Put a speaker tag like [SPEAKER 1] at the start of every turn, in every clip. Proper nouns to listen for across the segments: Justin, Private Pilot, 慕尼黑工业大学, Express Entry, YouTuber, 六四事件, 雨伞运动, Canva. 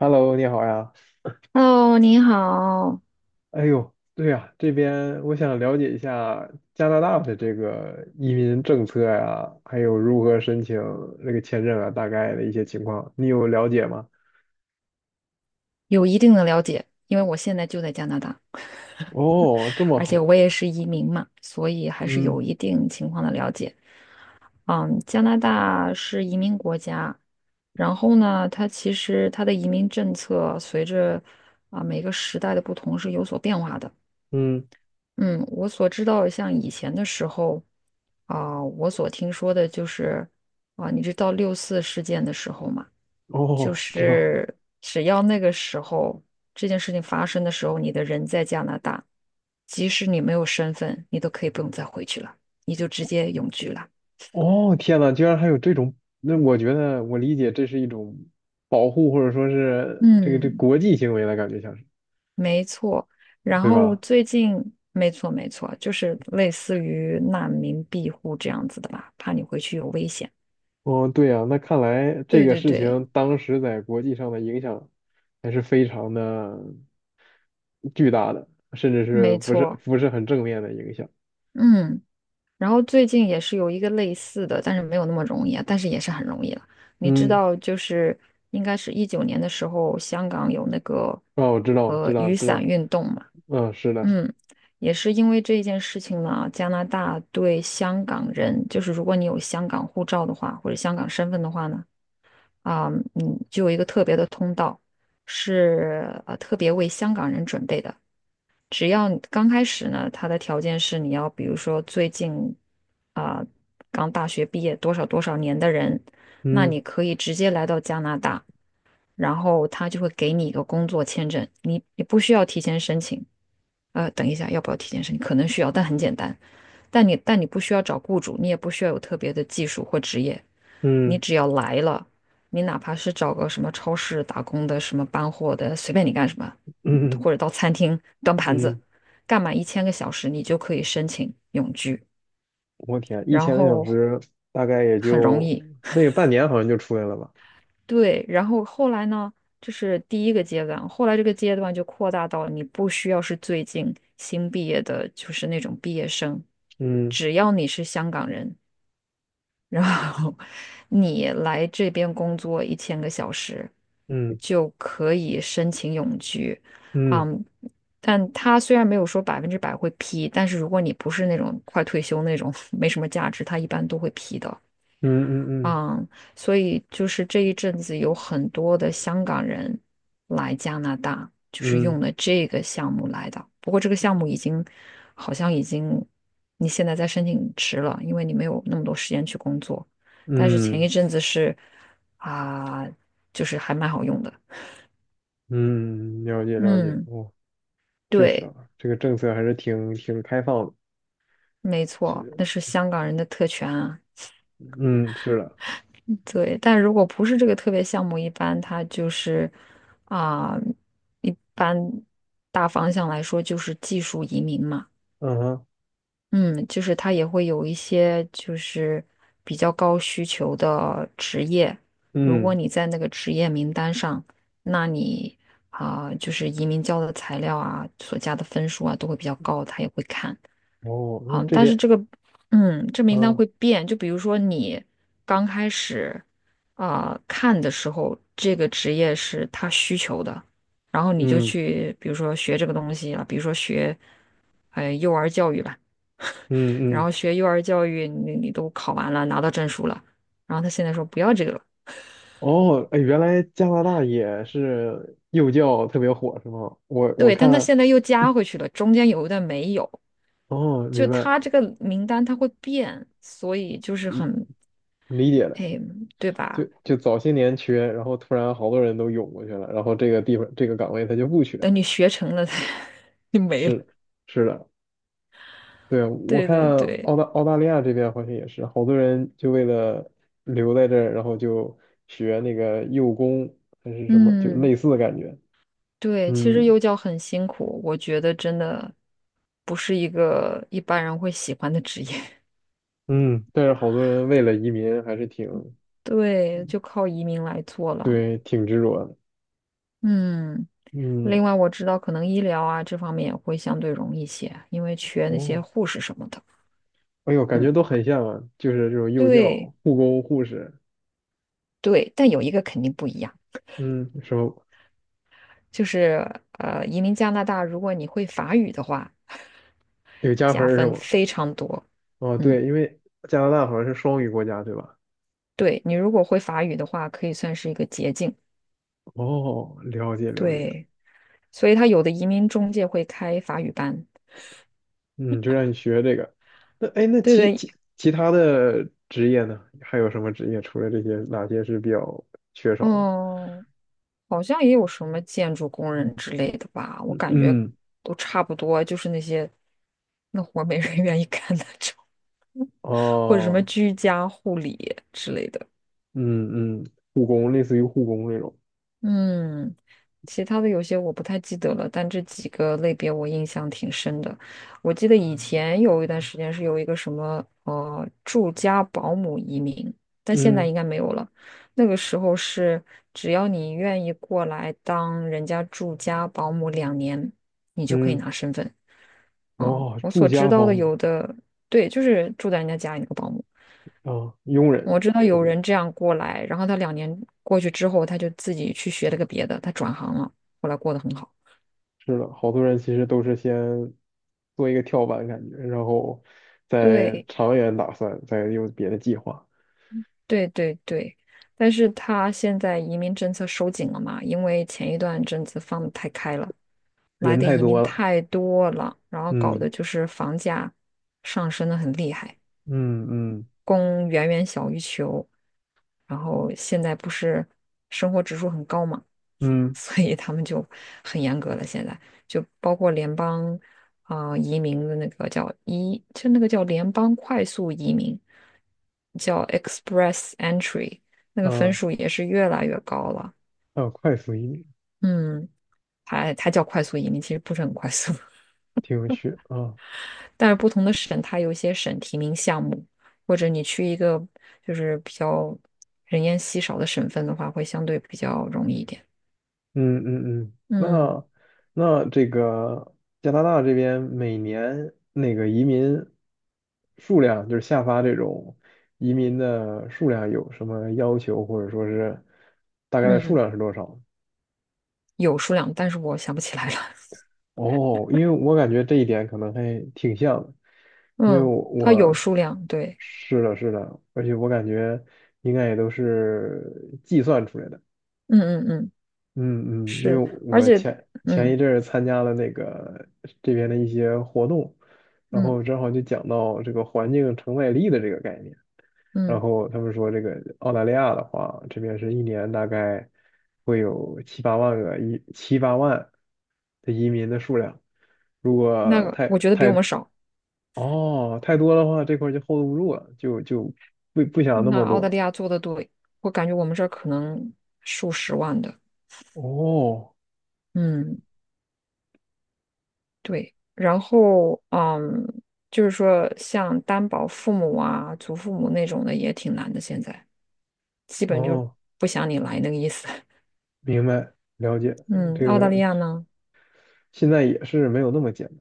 [SPEAKER 1] Hello，你好呀。
[SPEAKER 2] Hello，你好，
[SPEAKER 1] 哎呦，对呀，这边我想了解一下加拿大的这个移民政策呀，还有如何申请这个签证啊，大概的一些情况，你有了解吗？
[SPEAKER 2] 有一定的了解，因为我现在就在加拿大，
[SPEAKER 1] 哦，这么
[SPEAKER 2] 而且
[SPEAKER 1] 好。
[SPEAKER 2] 我也是移民嘛，所以还是
[SPEAKER 1] 嗯
[SPEAKER 2] 有一定情况的了解。嗯，加拿大是移民国家，然后呢，它其实它的移民政策随着每个时代的不同是有所变化的。
[SPEAKER 1] 嗯。
[SPEAKER 2] 嗯，我所知道的，像以前的时候，我所听说的就是，你知道六四事件的时候嘛，就
[SPEAKER 1] 哦，知道。
[SPEAKER 2] 是只要那个时候这件事情发生的时候，你的人在加拿大，即使你没有身份，你都可以不用再回去了，你就直接永居了。
[SPEAKER 1] 哦，天呐，居然还有这种，那我觉得我理解这是一种保护，或者说是这
[SPEAKER 2] 嗯，
[SPEAKER 1] 国际行为的感觉，像是，
[SPEAKER 2] 没错。然
[SPEAKER 1] 对
[SPEAKER 2] 后
[SPEAKER 1] 吧？
[SPEAKER 2] 最近，没错没错，就是类似于难民庇护这样子的吧，怕你回去有危险。
[SPEAKER 1] 哦，对呀，那看来这
[SPEAKER 2] 对
[SPEAKER 1] 个
[SPEAKER 2] 对
[SPEAKER 1] 事
[SPEAKER 2] 对，
[SPEAKER 1] 情当时在国际上的影响还是非常的巨大的，甚至是
[SPEAKER 2] 没
[SPEAKER 1] 不是
[SPEAKER 2] 错。
[SPEAKER 1] 不是很正面的影响。
[SPEAKER 2] 嗯，然后最近也是有一个类似的，但是没有那么容易啊，但是也是很容易了。你知
[SPEAKER 1] 嗯，
[SPEAKER 2] 道，就是应该是19年的时候，香港有那个
[SPEAKER 1] 哦，我知道，知道，
[SPEAKER 2] 雨
[SPEAKER 1] 知
[SPEAKER 2] 伞
[SPEAKER 1] 道。
[SPEAKER 2] 运动嘛，
[SPEAKER 1] 嗯，是的，
[SPEAKER 2] 嗯，也是因为这一件事情呢，加拿大对香港人，就是如果你有香港护照的话，或者香港身份的话呢，啊、就有一个特别的通道，是特别为香港人准备的。只要你刚开始呢，他的条件是你要，比如说最近啊、刚大学毕业多少多少年的人，那
[SPEAKER 1] 嗯
[SPEAKER 2] 你可以直接来到加拿大，然后他就会给你一个工作签证，你不需要提前申请。等一下，要不要提前申请？可能需要，但很简单。但你不需要找雇主，你也不需要有特别的技术或职业，你
[SPEAKER 1] 嗯
[SPEAKER 2] 只要来了，你哪怕是找个什么超市打工的，什么搬货的，随便你干什么，
[SPEAKER 1] 嗯
[SPEAKER 2] 或者到餐厅端盘子，
[SPEAKER 1] 嗯。
[SPEAKER 2] 干满一千个小时，你就可以申请永居，
[SPEAKER 1] 我天，一
[SPEAKER 2] 然
[SPEAKER 1] 千个小
[SPEAKER 2] 后
[SPEAKER 1] 时大概也
[SPEAKER 2] 很容
[SPEAKER 1] 就
[SPEAKER 2] 易。
[SPEAKER 1] 那个半年，好像就出来了吧？
[SPEAKER 2] 对，然后后来呢，这是第一个阶段，后来这个阶段就扩大到你不需要是最近新毕业的，就是那种毕业生，
[SPEAKER 1] 嗯
[SPEAKER 2] 只要你是香港人，然后你来这边工作一千个小时，
[SPEAKER 1] 嗯
[SPEAKER 2] 就可以申请永居。
[SPEAKER 1] 嗯
[SPEAKER 2] 嗯，但他虽然没有说百分之百会批，但是如果你不是那种快退休那种 没什么价值，他一般都会批的。
[SPEAKER 1] 嗯嗯嗯
[SPEAKER 2] 嗯，所以就是这一阵子有很多的香港人来加拿大，就是
[SPEAKER 1] 嗯
[SPEAKER 2] 用了这个项目来的。不过这个项目已经好像已经你现在在申请迟了，因为你没有那么多时间去工作。但是前
[SPEAKER 1] 嗯
[SPEAKER 2] 一阵子是啊，就是还蛮好用的。
[SPEAKER 1] 嗯，了解了解，
[SPEAKER 2] 嗯，
[SPEAKER 1] 哦。确实
[SPEAKER 2] 对，
[SPEAKER 1] 啊，这个政策还是挺开放的。
[SPEAKER 2] 没
[SPEAKER 1] 是。
[SPEAKER 2] 错，那是香港人的特权啊。
[SPEAKER 1] 嗯，是的，
[SPEAKER 2] 对，但如果不是这个特别项目，一般它就是啊、一般大方向来说就是技术移民嘛，
[SPEAKER 1] 嗯哼，
[SPEAKER 2] 嗯，就是它也会有一些就是比较高需求的职业，如果
[SPEAKER 1] 嗯，
[SPEAKER 2] 你在那个职业名单上，那你就是移民交的材料啊，所加的分数啊都会比较高，他也会看。
[SPEAKER 1] 哦，那
[SPEAKER 2] 好，
[SPEAKER 1] 这
[SPEAKER 2] 但是
[SPEAKER 1] 边，
[SPEAKER 2] 这个，嗯，这名单
[SPEAKER 1] 嗯
[SPEAKER 2] 会变。就比如说你刚开始看的时候，这个职业是他需求的，然后你就
[SPEAKER 1] 嗯
[SPEAKER 2] 去，比如说学这个东西了，比如说学幼儿教育吧，
[SPEAKER 1] 嗯
[SPEAKER 2] 然
[SPEAKER 1] 嗯。
[SPEAKER 2] 后学幼儿教育你都考完了，拿到证书了，然后他现在说不要这个了，
[SPEAKER 1] 哦，哎，原来加拿大也是幼教特别火，是吗？我
[SPEAKER 2] 对，但他
[SPEAKER 1] 看，
[SPEAKER 2] 现在又加回去了，中间有一段没有，
[SPEAKER 1] 哦，
[SPEAKER 2] 就
[SPEAKER 1] 明白，
[SPEAKER 2] 他这个名单他会变，所以就是
[SPEAKER 1] 嗯，
[SPEAKER 2] 很，
[SPEAKER 1] 理解了。
[SPEAKER 2] 哎，对
[SPEAKER 1] 就
[SPEAKER 2] 吧？
[SPEAKER 1] 就早些年缺，然后突然好多人都涌过去了，然后这个地方这个岗位他就不缺了，
[SPEAKER 2] 等你学成了，就没了。
[SPEAKER 1] 是是的，对，我
[SPEAKER 2] 对对
[SPEAKER 1] 看
[SPEAKER 2] 对，
[SPEAKER 1] 澳大利亚这边好像也是，好多人就为了留在这儿，然后就学那个幼工还是什么，就
[SPEAKER 2] 嗯，
[SPEAKER 1] 类似的感觉。
[SPEAKER 2] 对，其实
[SPEAKER 1] 嗯
[SPEAKER 2] 幼教很辛苦，我觉得真的不是一个一般人会喜欢的职业。
[SPEAKER 1] 嗯，但是好多人为了移民还是挺，
[SPEAKER 2] 对，就靠移民来做了。
[SPEAKER 1] 对，挺执着的。
[SPEAKER 2] 嗯，
[SPEAKER 1] 嗯，
[SPEAKER 2] 另外我知道可能医疗啊这方面也会相对容易些，因为缺那些
[SPEAKER 1] 哦，
[SPEAKER 2] 护士什么的。
[SPEAKER 1] 哎呦，感
[SPEAKER 2] 嗯，
[SPEAKER 1] 觉都很像啊，就是这种幼教、
[SPEAKER 2] 对
[SPEAKER 1] 护工、护士。
[SPEAKER 2] 对，但有一个肯定不一样，
[SPEAKER 1] 嗯，什么
[SPEAKER 2] 就是移民加拿大，如果你会法语的话，
[SPEAKER 1] 有加分
[SPEAKER 2] 加
[SPEAKER 1] 儿是
[SPEAKER 2] 分
[SPEAKER 1] 吗？
[SPEAKER 2] 非常多。
[SPEAKER 1] 哦，
[SPEAKER 2] 嗯，
[SPEAKER 1] 对，因为加拿大好像是双语国家，对吧？
[SPEAKER 2] 对，你如果会法语的话，可以算是一个捷径。
[SPEAKER 1] 哦，了解了解。
[SPEAKER 2] 对，所以他有的移民中介会开法语班，
[SPEAKER 1] 嗯，就让你学这个。那哎，那
[SPEAKER 2] 对
[SPEAKER 1] 其
[SPEAKER 2] 对，
[SPEAKER 1] 其其他的职业呢？还有什么职业？除了这些，哪些是比较缺少的？
[SPEAKER 2] 嗯，好像也有什么建筑工人之类的吧，我
[SPEAKER 1] 嗯
[SPEAKER 2] 感觉
[SPEAKER 1] 嗯，
[SPEAKER 2] 都差不多，就是那些那活儿没人 愿意干的，或者什么
[SPEAKER 1] 哦，
[SPEAKER 2] 居家护理之类的。
[SPEAKER 1] 嗯嗯，护工，类似于护工那种。
[SPEAKER 2] 嗯，其他的有些我不太记得了，但这几个类别我印象挺深的。我记得以前有一段时间是有一个什么住家保姆移民，但现在
[SPEAKER 1] 嗯
[SPEAKER 2] 应该没有了。那个时候是只要你愿意过来当人家住家保姆两年，你就可以
[SPEAKER 1] 嗯，
[SPEAKER 2] 拿身份。哦，
[SPEAKER 1] 哇，
[SPEAKER 2] 我
[SPEAKER 1] 住
[SPEAKER 2] 所知
[SPEAKER 1] 家
[SPEAKER 2] 道
[SPEAKER 1] 保
[SPEAKER 2] 的
[SPEAKER 1] 姆
[SPEAKER 2] 有的，对，就是住在人家家里那个保姆。
[SPEAKER 1] 啊，佣
[SPEAKER 2] 我
[SPEAKER 1] 人。
[SPEAKER 2] 知道有
[SPEAKER 1] 嗯，
[SPEAKER 2] 人这样过来，然后他两年过去之后，他就自己去学了个别的，他转行了，后来过得很好。
[SPEAKER 1] 是的，好多人其实都是先做一个跳板感觉，然后再
[SPEAKER 2] 对
[SPEAKER 1] 长远打算，再有别的计划。
[SPEAKER 2] 对对对，但是他现在移民政策收紧了嘛，因为前一段政策放得太开了，来
[SPEAKER 1] 人
[SPEAKER 2] 的
[SPEAKER 1] 太
[SPEAKER 2] 移
[SPEAKER 1] 多
[SPEAKER 2] 民
[SPEAKER 1] 了。
[SPEAKER 2] 太多了，然后搞
[SPEAKER 1] 嗯
[SPEAKER 2] 得就是房价上升的很厉害。
[SPEAKER 1] 嗯嗯
[SPEAKER 2] 供远远小于求，然后现在不是生活指数很高嘛，
[SPEAKER 1] 嗯
[SPEAKER 2] 所以他们就很严格了。现在就包括联邦移民的那个叫移，就那个叫联邦快速移民，叫 Express Entry,那个分
[SPEAKER 1] 啊。
[SPEAKER 2] 数也是越来越高了。
[SPEAKER 1] 啊，快速移民，
[SPEAKER 2] 嗯，还它叫快速移民，其实不是很快速。
[SPEAKER 1] 挺有趣啊。
[SPEAKER 2] 但是不同的省它有一些省提名项目，或者你去一个就是比较人烟稀少的省份的话，会相对比较容易一点。
[SPEAKER 1] 嗯嗯嗯，
[SPEAKER 2] 嗯
[SPEAKER 1] 那这个加拿大这边每年那个移民数量，就是下发这种移民的数量有什么要求，或者说是大概的数
[SPEAKER 2] 嗯，
[SPEAKER 1] 量是多少？
[SPEAKER 2] 有数量，但是我想不起来了。
[SPEAKER 1] 哦，因为我感觉这一点可能还挺像的，因为
[SPEAKER 2] 嗯，
[SPEAKER 1] 我
[SPEAKER 2] 它有
[SPEAKER 1] 我
[SPEAKER 2] 数量，对，
[SPEAKER 1] 是的，是的。而且我感觉应该也都是计算出来的。
[SPEAKER 2] 嗯嗯嗯，
[SPEAKER 1] 嗯嗯，因为
[SPEAKER 2] 是，而
[SPEAKER 1] 我
[SPEAKER 2] 且，
[SPEAKER 1] 前
[SPEAKER 2] 嗯
[SPEAKER 1] 一阵儿参加了那个这边的一些活动，然
[SPEAKER 2] 嗯
[SPEAKER 1] 后正好就讲到这个环境承载力的这个概念，然
[SPEAKER 2] 嗯，
[SPEAKER 1] 后他们说这个澳大利亚的话，这边是一年大概会有七八万的移民的数量，如
[SPEAKER 2] 那
[SPEAKER 1] 果
[SPEAKER 2] 个我觉得比我们少。
[SPEAKER 1] 太多的话，这块儿就 hold 不住了，就不想那
[SPEAKER 2] 那
[SPEAKER 1] 么
[SPEAKER 2] 澳大
[SPEAKER 1] 多。
[SPEAKER 2] 利亚做的多，我感觉我们这儿可能数十万的，
[SPEAKER 1] 哦
[SPEAKER 2] 嗯。对，然后就是说像担保父母啊、祖父母那种的也挺难的，现在基本就
[SPEAKER 1] 哦，
[SPEAKER 2] 不想你来那个意思。
[SPEAKER 1] 明白，了解
[SPEAKER 2] 嗯，
[SPEAKER 1] 这
[SPEAKER 2] 澳大利
[SPEAKER 1] 个。
[SPEAKER 2] 亚呢？
[SPEAKER 1] 现在也是没有那么简单，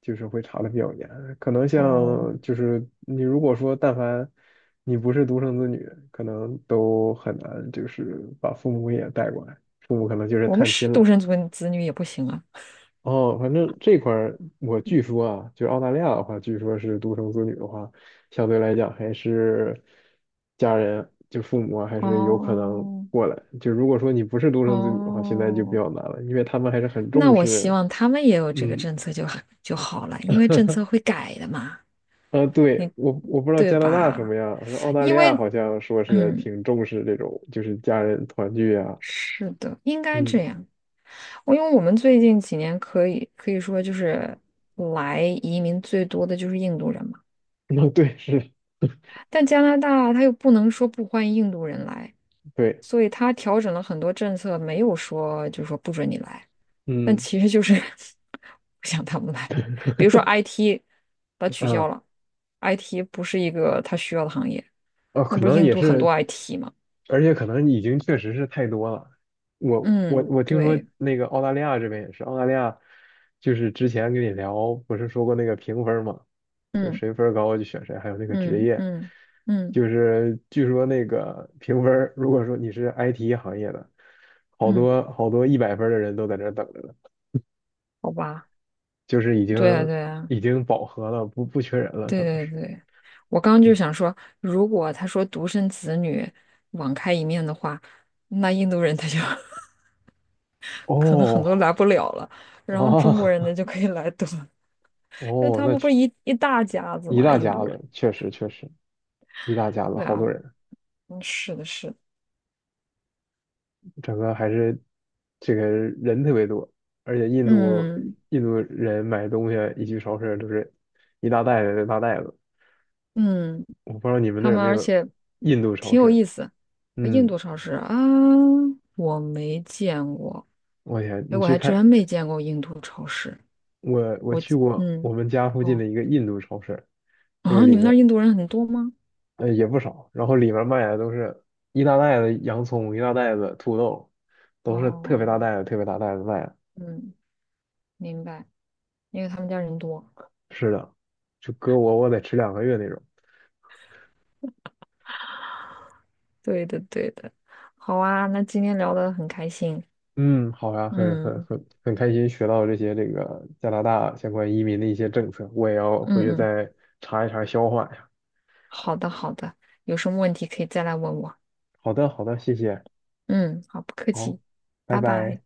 [SPEAKER 1] 就是会查的比较严。可能
[SPEAKER 2] 哦，
[SPEAKER 1] 像就是你如果说但凡你不是独生子女，可能都很难就是把父母也带过来，父母可能就是
[SPEAKER 2] 我们
[SPEAKER 1] 探
[SPEAKER 2] 是
[SPEAKER 1] 亲了。
[SPEAKER 2] 独生子女也不行啊。
[SPEAKER 1] 哦，反正这块儿我据说啊，就是澳大利亚的话，据说是独生子女的话，相对来讲还是家人就父母啊还是有可能
[SPEAKER 2] 哦
[SPEAKER 1] 过来。就如果说你不是独生子女的话，现在就比
[SPEAKER 2] 哦，
[SPEAKER 1] 较难了，因为他们还是很
[SPEAKER 2] 那
[SPEAKER 1] 重
[SPEAKER 2] 我希
[SPEAKER 1] 视，
[SPEAKER 2] 望他们也有这个
[SPEAKER 1] 嗯。
[SPEAKER 2] 政策就好就好了，因为政 策会改的嘛，
[SPEAKER 1] 啊，
[SPEAKER 2] 你
[SPEAKER 1] 对，我不知道
[SPEAKER 2] 对
[SPEAKER 1] 加拿大什
[SPEAKER 2] 吧？
[SPEAKER 1] 么样，反正澳大
[SPEAKER 2] 因
[SPEAKER 1] 利
[SPEAKER 2] 为
[SPEAKER 1] 亚好像说是
[SPEAKER 2] 嗯，
[SPEAKER 1] 挺重视这种，就是家人团聚啊。
[SPEAKER 2] 是的，应该
[SPEAKER 1] 嗯，
[SPEAKER 2] 这样。因为我们最近几年可以说就是来移民最多的就是印度人嘛，
[SPEAKER 1] 啊，对，是，
[SPEAKER 2] 但加拿大他又不能说不欢迎印度人来，
[SPEAKER 1] 对，
[SPEAKER 2] 所以他调整了很多政策，没有说就是说不准你来，但
[SPEAKER 1] 嗯，
[SPEAKER 2] 其实就是 不想他们来。比如说 IT,把它取
[SPEAKER 1] 啊，
[SPEAKER 2] 消了，IT 不是一个他需要的行业，
[SPEAKER 1] 哦，
[SPEAKER 2] 那
[SPEAKER 1] 可
[SPEAKER 2] 不是
[SPEAKER 1] 能
[SPEAKER 2] 印
[SPEAKER 1] 也
[SPEAKER 2] 度很
[SPEAKER 1] 是，
[SPEAKER 2] 多 IT 吗？
[SPEAKER 1] 而且可能已经确实是太多了。我我
[SPEAKER 2] 嗯，
[SPEAKER 1] 我听说
[SPEAKER 2] 对，
[SPEAKER 1] 那个澳大利亚这边也是，澳大利亚就是之前跟你聊，不是说过那个评分嘛，就
[SPEAKER 2] 嗯
[SPEAKER 1] 谁分儿高就选谁，还有那个职
[SPEAKER 2] 嗯
[SPEAKER 1] 业，
[SPEAKER 2] 嗯嗯
[SPEAKER 1] 就是据说那个评分儿如果说你是 IT 行业的，好
[SPEAKER 2] 嗯，
[SPEAKER 1] 多好多100分儿的人都在这儿等着呢，
[SPEAKER 2] 好吧，
[SPEAKER 1] 就是已
[SPEAKER 2] 对啊
[SPEAKER 1] 经
[SPEAKER 2] 对啊。
[SPEAKER 1] 已经饱和了，不缺人了，可能
[SPEAKER 2] 对对
[SPEAKER 1] 是。
[SPEAKER 2] 对，我刚刚就
[SPEAKER 1] 嗯，
[SPEAKER 2] 想说，如果他说独生子女网开一面的话，那印度人他就 可能很多
[SPEAKER 1] 哦
[SPEAKER 2] 来不了了，然后
[SPEAKER 1] 哦
[SPEAKER 2] 中国人 呢就可以来多，那
[SPEAKER 1] 哦，
[SPEAKER 2] 他
[SPEAKER 1] 那
[SPEAKER 2] 们不
[SPEAKER 1] 确。
[SPEAKER 2] 是一大家子
[SPEAKER 1] 一
[SPEAKER 2] 嘛，
[SPEAKER 1] 大
[SPEAKER 2] 印
[SPEAKER 1] 家
[SPEAKER 2] 度
[SPEAKER 1] 子，
[SPEAKER 2] 人。
[SPEAKER 1] 确实确实一大家子，
[SPEAKER 2] 对
[SPEAKER 1] 好
[SPEAKER 2] 啊，
[SPEAKER 1] 多人，
[SPEAKER 2] 嗯，是的，是的，
[SPEAKER 1] 整个还是这个人特别多，而且印度
[SPEAKER 2] 嗯
[SPEAKER 1] 印度人买东西一去超市就是一大袋子一大袋子。
[SPEAKER 2] 嗯，
[SPEAKER 1] 我不知道你们那
[SPEAKER 2] 他
[SPEAKER 1] 儿有
[SPEAKER 2] 们
[SPEAKER 1] 没
[SPEAKER 2] 而
[SPEAKER 1] 有
[SPEAKER 2] 且
[SPEAKER 1] 印度超
[SPEAKER 2] 挺有
[SPEAKER 1] 市？
[SPEAKER 2] 意思，印
[SPEAKER 1] 嗯，
[SPEAKER 2] 度超市啊，我没见过，
[SPEAKER 1] 我天，
[SPEAKER 2] 哎，
[SPEAKER 1] 你
[SPEAKER 2] 我
[SPEAKER 1] 去
[SPEAKER 2] 还
[SPEAKER 1] 看
[SPEAKER 2] 真没见过印度超市。
[SPEAKER 1] 我去过我
[SPEAKER 2] 嗯，
[SPEAKER 1] 们家附近的
[SPEAKER 2] 哦，
[SPEAKER 1] 一个印度超市，那个
[SPEAKER 2] 啊，你
[SPEAKER 1] 里
[SPEAKER 2] 们那
[SPEAKER 1] 面
[SPEAKER 2] 儿印度人很多吗？
[SPEAKER 1] 也不少，然后里面卖的都是一大袋子洋葱，一大袋子土豆，都是特别大
[SPEAKER 2] 哦，
[SPEAKER 1] 袋子特别大袋子卖，
[SPEAKER 2] 嗯，明白，因为他们家人多。
[SPEAKER 1] 是的。就搁我得吃2个月那种。
[SPEAKER 2] 对的，对的。好啊，那今天聊得很开心。
[SPEAKER 1] 嗯，好呀，很很
[SPEAKER 2] 嗯
[SPEAKER 1] 很很开心学到这些这个加拿大相关移民的一些政策，我也要回
[SPEAKER 2] 嗯
[SPEAKER 1] 去
[SPEAKER 2] 嗯，
[SPEAKER 1] 再查一查消化呀。
[SPEAKER 2] 好的好的，有什么问题可以再来问我。
[SPEAKER 1] 好的，好的，谢谢，
[SPEAKER 2] 嗯，好，不客
[SPEAKER 1] 好，
[SPEAKER 2] 气，
[SPEAKER 1] 拜
[SPEAKER 2] 拜拜。
[SPEAKER 1] 拜。